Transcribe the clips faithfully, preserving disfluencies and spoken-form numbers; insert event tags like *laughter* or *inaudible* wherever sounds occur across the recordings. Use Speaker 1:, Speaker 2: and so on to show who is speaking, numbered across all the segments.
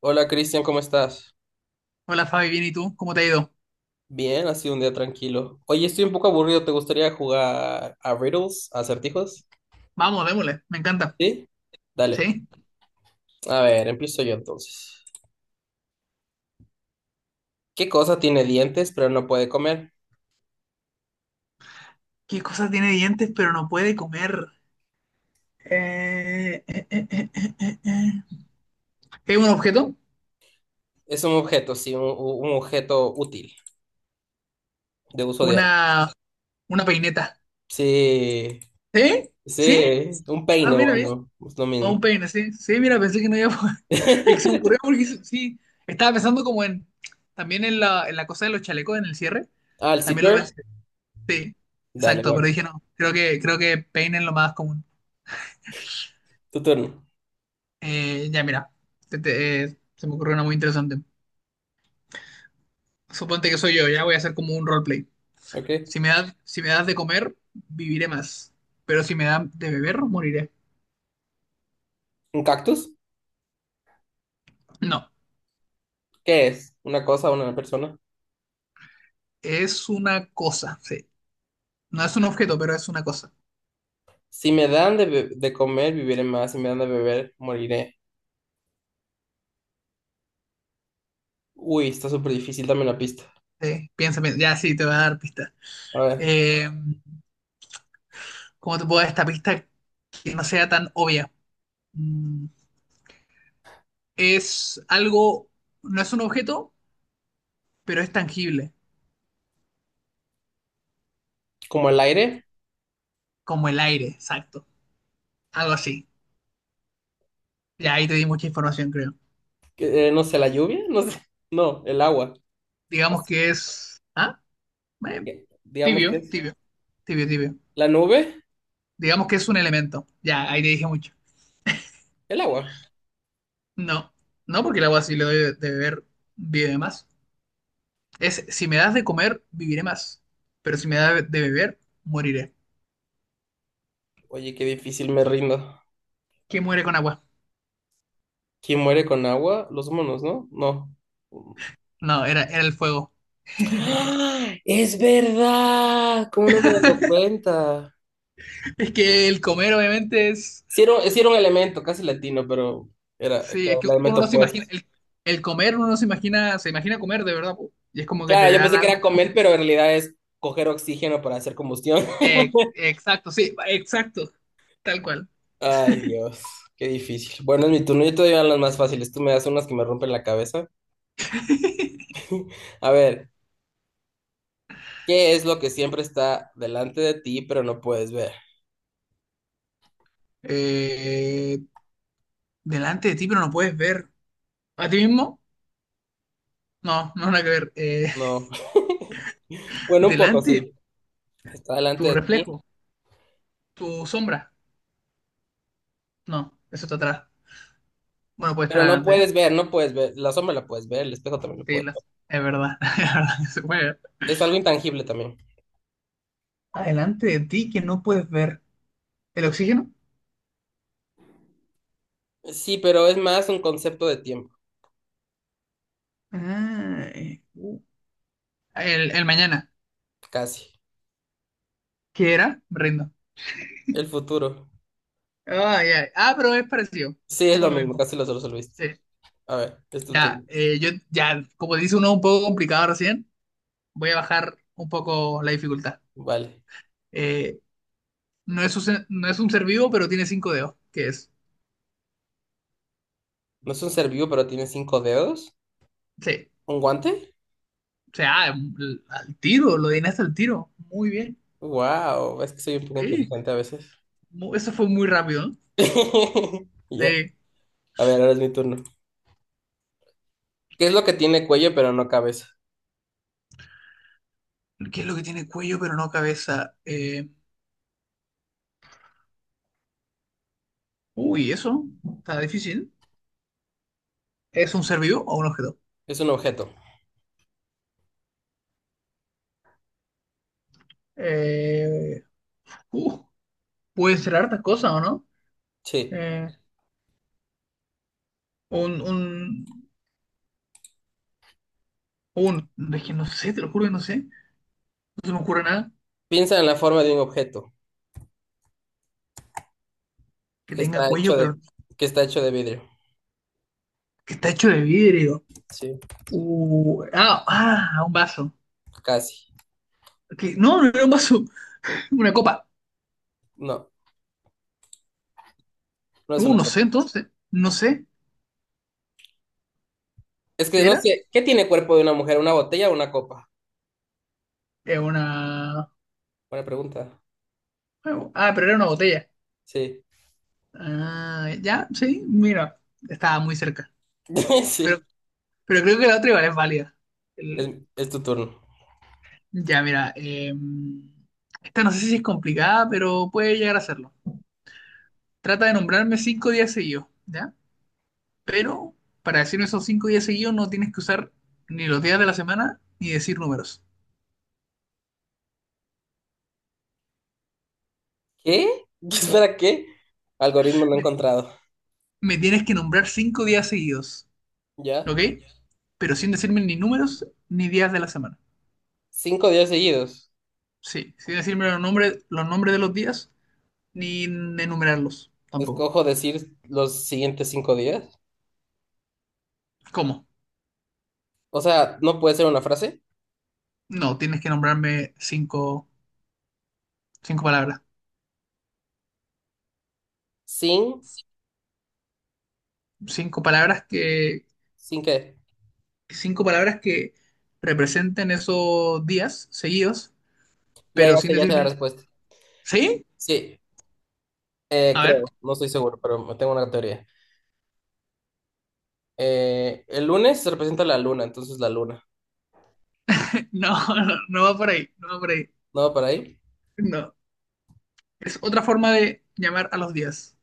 Speaker 1: Hola Cristian, ¿cómo estás?
Speaker 2: Hola Fabi, bien, ¿y tú? ¿Cómo te ha ido?
Speaker 1: Bien, ha sido un día tranquilo. Oye, estoy un poco aburrido, ¿te gustaría jugar a riddles, a acertijos?
Speaker 2: Vamos, démosle, me encanta.
Speaker 1: ¿Sí? Dale.
Speaker 2: ¿Sí?
Speaker 1: A ver, empiezo yo entonces. ¿Qué cosa tiene dientes pero no puede comer?
Speaker 2: ¿Qué cosa tiene dientes pero no puede comer? Eh, eh, eh, eh, eh, eh, eh. ¿Es un objeto?
Speaker 1: Es un objeto, sí, un, un objeto útil, de uso diario.
Speaker 2: Una, una peineta.
Speaker 1: Sí,
Speaker 2: ¿Sí? ¿Sí?
Speaker 1: sí, un
Speaker 2: Ah,
Speaker 1: peine,
Speaker 2: mira, bien.
Speaker 1: bueno, es lo
Speaker 2: O un
Speaker 1: mismo.
Speaker 2: peine, sí. Sí, mira, pensé que no iba a poder. *laughs* Es que se me ocurrió
Speaker 1: *laughs*
Speaker 2: porque sí, sí. Estaba pensando como en, también en la, en la cosa de los chalecos, en el cierre.
Speaker 1: Ah, el
Speaker 2: También lo
Speaker 1: zipper.
Speaker 2: pensé. Sí,
Speaker 1: Dale,
Speaker 2: exacto, pero
Speaker 1: bueno,
Speaker 2: dije no, creo que, creo que peine es lo más común.
Speaker 1: tu turno.
Speaker 2: Eh, ya, mira, te- te- eh, se me ocurrió una muy interesante. Suponte que soy yo, ya voy a hacer como un roleplay.
Speaker 1: ¿Ok?
Speaker 2: Si me das, si me das de comer, viviré más. Pero si me dan de beber, moriré.
Speaker 1: ¿Un cactus?
Speaker 2: No,
Speaker 1: ¿Qué es? ¿Una cosa, una persona?
Speaker 2: es una cosa, sí. No es un objeto, pero es una cosa.
Speaker 1: Si me dan de, be- de comer, viviré más. Si me dan de beber, moriré. Uy, está súper difícil, dame la pista.
Speaker 2: Sí, piensa, piensa. Ya, sí, te voy a dar pistas.
Speaker 1: A ver,
Speaker 2: Eh, ¿cómo te puedo dar esta pista que no sea tan obvia? Mm, es algo, no es un objeto, pero es tangible,
Speaker 1: como el aire,
Speaker 2: como el aire, exacto. Algo así. Ya ahí te di mucha información, creo.
Speaker 1: que, eh, no sé, la lluvia, *laughs* no sé, no, el agua.
Speaker 2: Digamos que es. ¿Ah? Eh,
Speaker 1: Que- Digamos que
Speaker 2: tibio,
Speaker 1: es
Speaker 2: tibio, tibio, tibio.
Speaker 1: la nube,
Speaker 2: Digamos que es un elemento. Ya, ahí te dije mucho.
Speaker 1: el agua.
Speaker 2: No, no porque el agua si le doy de de beber, vive más. Es si me das de comer, viviré más. Pero si me das de de beber, moriré.
Speaker 1: Oye, qué difícil, me rindo.
Speaker 2: ¿Qué muere con agua?
Speaker 1: ¿Quién muere con agua? Los monos, ¿no? No.
Speaker 2: No, era, era el fuego. *laughs*
Speaker 1: ¡Ah! Es verdad, ¿cómo no me he dado cuenta?
Speaker 2: Es que el comer, obviamente, es.
Speaker 1: Sí era, un sí era un elemento casi latino, pero era
Speaker 2: Sí, es
Speaker 1: claro,
Speaker 2: que
Speaker 1: el
Speaker 2: uno
Speaker 1: elemento
Speaker 2: no se
Speaker 1: opuesto.
Speaker 2: imagina. El, el comer, uno no se imagina. Se imagina comer de verdad, po. Y es como que
Speaker 1: Claro,
Speaker 2: te
Speaker 1: yo
Speaker 2: dan
Speaker 1: pensé que era
Speaker 2: algo.
Speaker 1: comer, pero en realidad es coger oxígeno para hacer combustión. *laughs*
Speaker 2: Eh, exacto, sí, exacto. Tal cual.
Speaker 1: Ay, Dios, qué difícil. Bueno, es mi turno. Yo te doy las más fáciles. Tú me das unas que me rompen la cabeza.
Speaker 2: *laughs*
Speaker 1: A ver, ¿qué es lo que siempre está delante de ti, pero no puedes ver?
Speaker 2: Eh, delante de ti, pero no puedes ver. ¿A ti mismo? No, no nada que ver. Eh,
Speaker 1: No. *laughs*
Speaker 2: *laughs*
Speaker 1: Bueno, un poco
Speaker 2: delante,
Speaker 1: sí. Está delante
Speaker 2: tu
Speaker 1: de ti,
Speaker 2: reflejo, tu sombra. No, eso está atrás. Bueno, puede estar
Speaker 1: pero no
Speaker 2: adelante. ¿Eh?
Speaker 1: puedes ver, no puedes ver. La sombra la puedes ver, el espejo también lo
Speaker 2: Sí,
Speaker 1: puedes
Speaker 2: las-
Speaker 1: ver.
Speaker 2: es verdad. *laughs* Es verdad que se puede ver.
Speaker 1: Es algo intangible también.
Speaker 2: Adelante de ti que no puedes ver. ¿El oxígeno?
Speaker 1: Sí, pero es más un concepto de tiempo,
Speaker 2: Ah, eh, uh. el, el mañana.
Speaker 1: casi.
Speaker 2: ¿Qué era? Me rindo.
Speaker 1: El futuro.
Speaker 2: Ah, ya. Ah, pero es parecido.
Speaker 1: Sí,
Speaker 2: Es
Speaker 1: es
Speaker 2: como
Speaker 1: lo
Speaker 2: lo
Speaker 1: mismo,
Speaker 2: mismo.
Speaker 1: casi lo resolviste.
Speaker 2: Sí.
Speaker 1: A ver, es tu turno.
Speaker 2: Ya, eh, yo, ya, como dice uno un poco complicado recién, voy a bajar un poco la dificultad.
Speaker 1: Vale.
Speaker 2: Eh, no, es un, ser- no es un ser vivo, pero tiene cinco dedos, que es...
Speaker 1: ¿No es un ser vivo, pero tiene cinco dedos?
Speaker 2: Sí,
Speaker 1: ¿Un guante?
Speaker 2: o sea, al al tiro, lo adivinaste al tiro. Muy bien.
Speaker 1: Wow, es que soy un poco
Speaker 2: Sí,
Speaker 1: inteligente a veces.
Speaker 2: mu- eso fue muy rápido. ¿No?
Speaker 1: *laughs* Ya.
Speaker 2: Sí.
Speaker 1: A ver, ahora es mi turno. ¿Qué es lo que tiene cuello pero no cabeza?
Speaker 2: ¿Qué es lo que tiene cuello, pero no cabeza? Eh, uy, eso está difícil. ¿Es un ser vivo o un objeto?
Speaker 1: Es un objeto.
Speaker 2: Eh, uh, puede ser hartas cosas, ¿o no?
Speaker 1: Sí.
Speaker 2: Eh, un, un, un... Es que no sé, te lo juro que no sé. No se me ocurre nada
Speaker 1: Piensa en la forma de un objeto
Speaker 2: que
Speaker 1: que
Speaker 2: tenga
Speaker 1: está
Speaker 2: cuello,
Speaker 1: hecho
Speaker 2: pero
Speaker 1: de, que está hecho de vidrio.
Speaker 2: que está hecho de vidrio.
Speaker 1: Sí,
Speaker 2: Uh, ah, ah, un vaso.
Speaker 1: casi.
Speaker 2: Que- No, no era un vaso, *laughs* una copa.
Speaker 1: No, no es
Speaker 2: Uh,
Speaker 1: una
Speaker 2: no sé
Speaker 1: copa.
Speaker 2: entonces, no sé
Speaker 1: Es que
Speaker 2: qué
Speaker 1: no
Speaker 2: era.
Speaker 1: sé, ¿qué tiene cuerpo de una mujer? ¿Una botella o una copa?
Speaker 2: Era una...
Speaker 1: Buena pregunta.
Speaker 2: bueno, ah, pero era una botella.
Speaker 1: Sí.
Speaker 2: Ah, ya, sí, mira, estaba muy cerca.
Speaker 1: *laughs*
Speaker 2: Pero,
Speaker 1: Sí.
Speaker 2: pero creo que la otra igual es válida.
Speaker 1: Es,
Speaker 2: El-
Speaker 1: es tu turno.
Speaker 2: Ya, mira, eh, esta no sé si es complicada, pero puede llegar a serlo. Trata de nombrarme cinco días seguidos, ¿ya? Pero para decirme esos cinco días seguidos no tienes que usar ni los días de la semana ni decir números.
Speaker 1: ¿Qué? *laughs* ¿Espera qué? Algoritmo no encontrado.
Speaker 2: Me tienes que nombrar cinco días seguidos,
Speaker 1: ¿Ya?
Speaker 2: ¿ok? Pero sin decirme ni números ni días de la semana.
Speaker 1: Cinco días seguidos.
Speaker 2: Sí, sin decirme los nombres, los nombres de los días ni enumerarlos tampoco.
Speaker 1: Escojo decir los siguientes cinco días.
Speaker 2: ¿Cómo?
Speaker 1: O sea, no puede ser una frase.
Speaker 2: No, tienes que nombrarme cinco, cinco palabras.
Speaker 1: Sin,
Speaker 2: Cinco palabras que,
Speaker 1: sin qué.
Speaker 2: cinco palabras que representen esos días seguidos,
Speaker 1: Ya,
Speaker 2: pero
Speaker 1: ya
Speaker 2: sin
Speaker 1: sé, ya sé la
Speaker 2: decirme,
Speaker 1: respuesta.
Speaker 2: ¿sí?
Speaker 1: Sí, eh,
Speaker 2: A ver,
Speaker 1: creo. No estoy seguro, pero me tengo una teoría. Eh, el lunes se representa la luna, entonces la luna.
Speaker 2: *laughs* no, no, no va por ahí, no va por ahí.
Speaker 1: ¿No va para ahí?
Speaker 2: No, es otra forma de llamar a los días.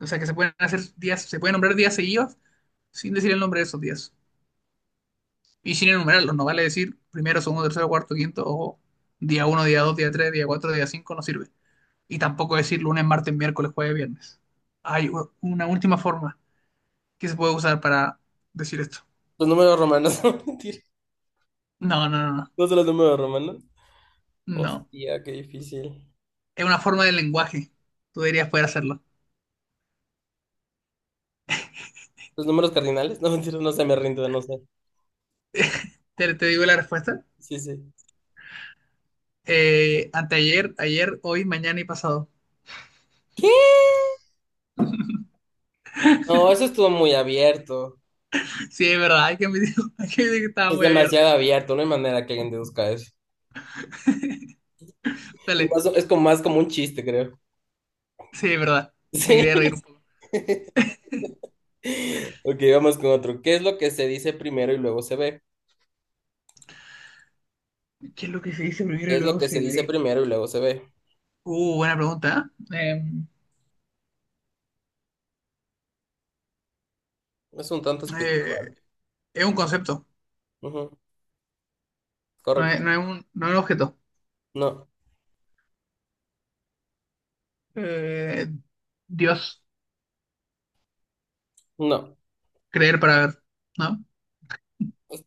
Speaker 2: O sea, que se pueden hacer días, se pueden nombrar días seguidos sin decir el nombre de esos días. Y sin enumerarlos, no vale decir primero, segundo, tercero, cuarto, quinto, o día uno, día dos, día tres, día cuatro, día cinco, no sirve. Y tampoco decir lunes, martes, miércoles, jueves, viernes. Hay u- una última forma que se puede usar para decir esto.
Speaker 1: Los números romanos, *laughs* no mentira.
Speaker 2: No, no, no, no.
Speaker 1: No son los números romanos.
Speaker 2: No.
Speaker 1: Hostia, qué difícil.
Speaker 2: Es una forma de lenguaje. Tú deberías poder hacerlo.
Speaker 1: Los números cardinales, *laughs* no mentira, no sé, me rindo, no sé.
Speaker 2: ¿Te, te digo la respuesta?
Speaker 1: Sí, sí.
Speaker 2: Eh, anteayer, ayer, hoy, mañana y pasado. *laughs*
Speaker 1: ¿Qué? No, eso estuvo muy abierto.
Speaker 2: Sí, es verdad. Hay que admitir, *laughs* hay que admitir que estaba
Speaker 1: Es
Speaker 2: muy abierto.
Speaker 1: demasiado abierto, no hay manera que alguien deduzca eso. Y
Speaker 2: Dale.
Speaker 1: más o- es como más como un chiste, creo.
Speaker 2: Sí, es verdad.
Speaker 1: *laughs*
Speaker 2: Me quería reír un
Speaker 1: Sí.
Speaker 2: poco.
Speaker 1: *laughs* Ok, vamos con otro. ¿Qué es lo que se dice primero y luego se ve?
Speaker 2: ¿Qué es lo que se dice primero
Speaker 1: ¿Qué
Speaker 2: y
Speaker 1: es lo
Speaker 2: luego
Speaker 1: que se
Speaker 2: se
Speaker 1: dice
Speaker 2: ve?
Speaker 1: primero y luego se ve?
Speaker 2: Uh, buena pregunta. ¿Eh?
Speaker 1: Es un tanto
Speaker 2: Eh,
Speaker 1: espiritual.
Speaker 2: eh, es un concepto,
Speaker 1: Ujú,
Speaker 2: no es,
Speaker 1: correcto.
Speaker 2: no es un, no es un objeto.
Speaker 1: No,
Speaker 2: Eh, Dios,
Speaker 1: no.
Speaker 2: creer para ver, ¿no?
Speaker 1: Es-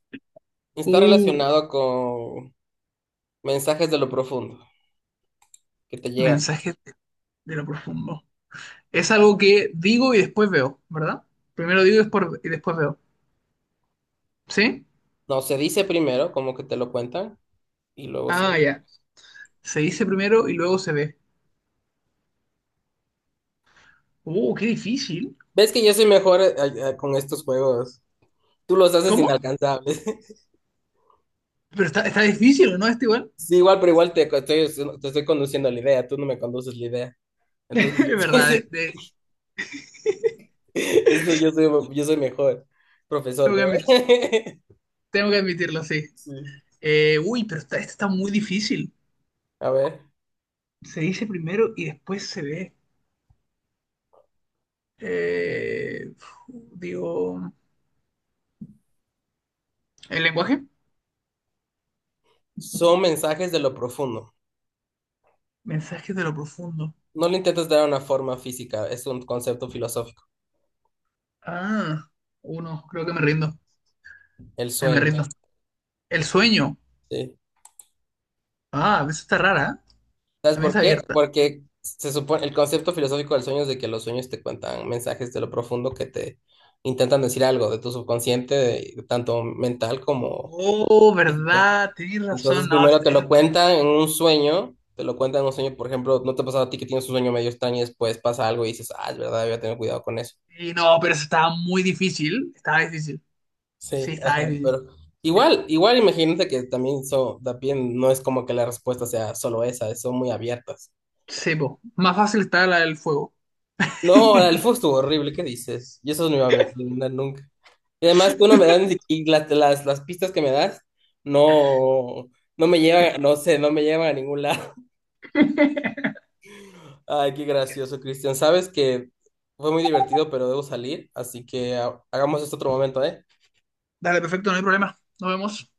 Speaker 1: Está
Speaker 2: Uh,
Speaker 1: relacionado con mensajes de lo profundo que te llegan.
Speaker 2: mensaje de, de lo profundo. Es algo que digo y después veo, ¿verdad? Primero digo y después, y después veo. ¿Sí?
Speaker 1: No, se dice primero, como que te lo cuentan, y luego se
Speaker 2: Ah,
Speaker 1: ve.
Speaker 2: ya. Se dice primero y luego se ve. Uh, qué difícil.
Speaker 1: ¿Ves que yo soy mejor eh, eh, con estos juegos? Tú los haces
Speaker 2: ¿Cómo?
Speaker 1: inalcanzables. *laughs*
Speaker 2: Pero está, está difícil, ¿no? Está igual.
Speaker 1: Sí, igual, pero igual te, co- estoy, te estoy conduciendo la idea, tú no me conduces la idea. Entonces,
Speaker 2: *laughs*
Speaker 1: yo,
Speaker 2: Es
Speaker 1: *laughs* sí,
Speaker 2: verdad, de,
Speaker 1: sí,
Speaker 2: de-
Speaker 1: eso yo soy, yo soy mejor profesor,
Speaker 2: tengo que
Speaker 1: creo.
Speaker 2: admitir.
Speaker 1: *laughs*
Speaker 2: Tengo que admitirlo, sí.
Speaker 1: Sí.
Speaker 2: Eh, uy, pero esta, esta está muy difícil.
Speaker 1: A ver,
Speaker 2: Se dice primero y después se ve. Eh, digo, ¿el lenguaje?
Speaker 1: son mensajes de lo profundo.
Speaker 2: Mensajes de lo profundo.
Speaker 1: No le intentes dar una forma física, es un concepto filosófico.
Speaker 2: Ah, uno, creo que me rindo.
Speaker 1: El
Speaker 2: Eh, me
Speaker 1: sueño,
Speaker 2: rindo. El sueño.
Speaker 1: sí.
Speaker 2: Ah, a veces está rara, ¿eh?
Speaker 1: ¿Sabes
Speaker 2: También
Speaker 1: por
Speaker 2: está
Speaker 1: qué?
Speaker 2: abierta.
Speaker 1: Porque se supone, el concepto filosófico del sueño es de que los sueños te cuentan mensajes de lo profundo que te intentan decir algo de tu subconsciente, de- tanto mental como
Speaker 2: Oh,
Speaker 1: físico.
Speaker 2: ¿verdad? Tienes razón.
Speaker 1: Entonces
Speaker 2: No, es-
Speaker 1: primero te lo
Speaker 2: es-
Speaker 1: cuentan en un sueño, te lo cuentan en un sueño, por ejemplo, ¿no te ha pasado a ti que tienes un sueño medio extraño y después pasa algo y dices, ah, es verdad, voy a tener cuidado con eso?
Speaker 2: y no, pero eso estaba muy difícil. Estaba difícil. Sí,
Speaker 1: Sí,
Speaker 2: estaba
Speaker 1: ajá,
Speaker 2: difícil.
Speaker 1: pero
Speaker 2: Sí,
Speaker 1: igual, igual imagínate que también, so, también no es como que la respuesta sea solo esa, son muy abiertas.
Speaker 2: sí, po. Más fácil está la del fuego.
Speaker 1: No, la del Fu estuvo horrible, ¿qué dices? Yo eso no iba a adivinar nunca. Y además tú no me das ni siquiera- y las, las, las pistas que me das no, no me llevan, no sé, no me llevan a ningún lado. Ay, qué gracioso, Cristian. Sabes que fue muy divertido, pero debo salir, así que ah, hagamos esto otro momento, ¿eh?
Speaker 2: Dale, perfecto, no hay problema. Nos vemos.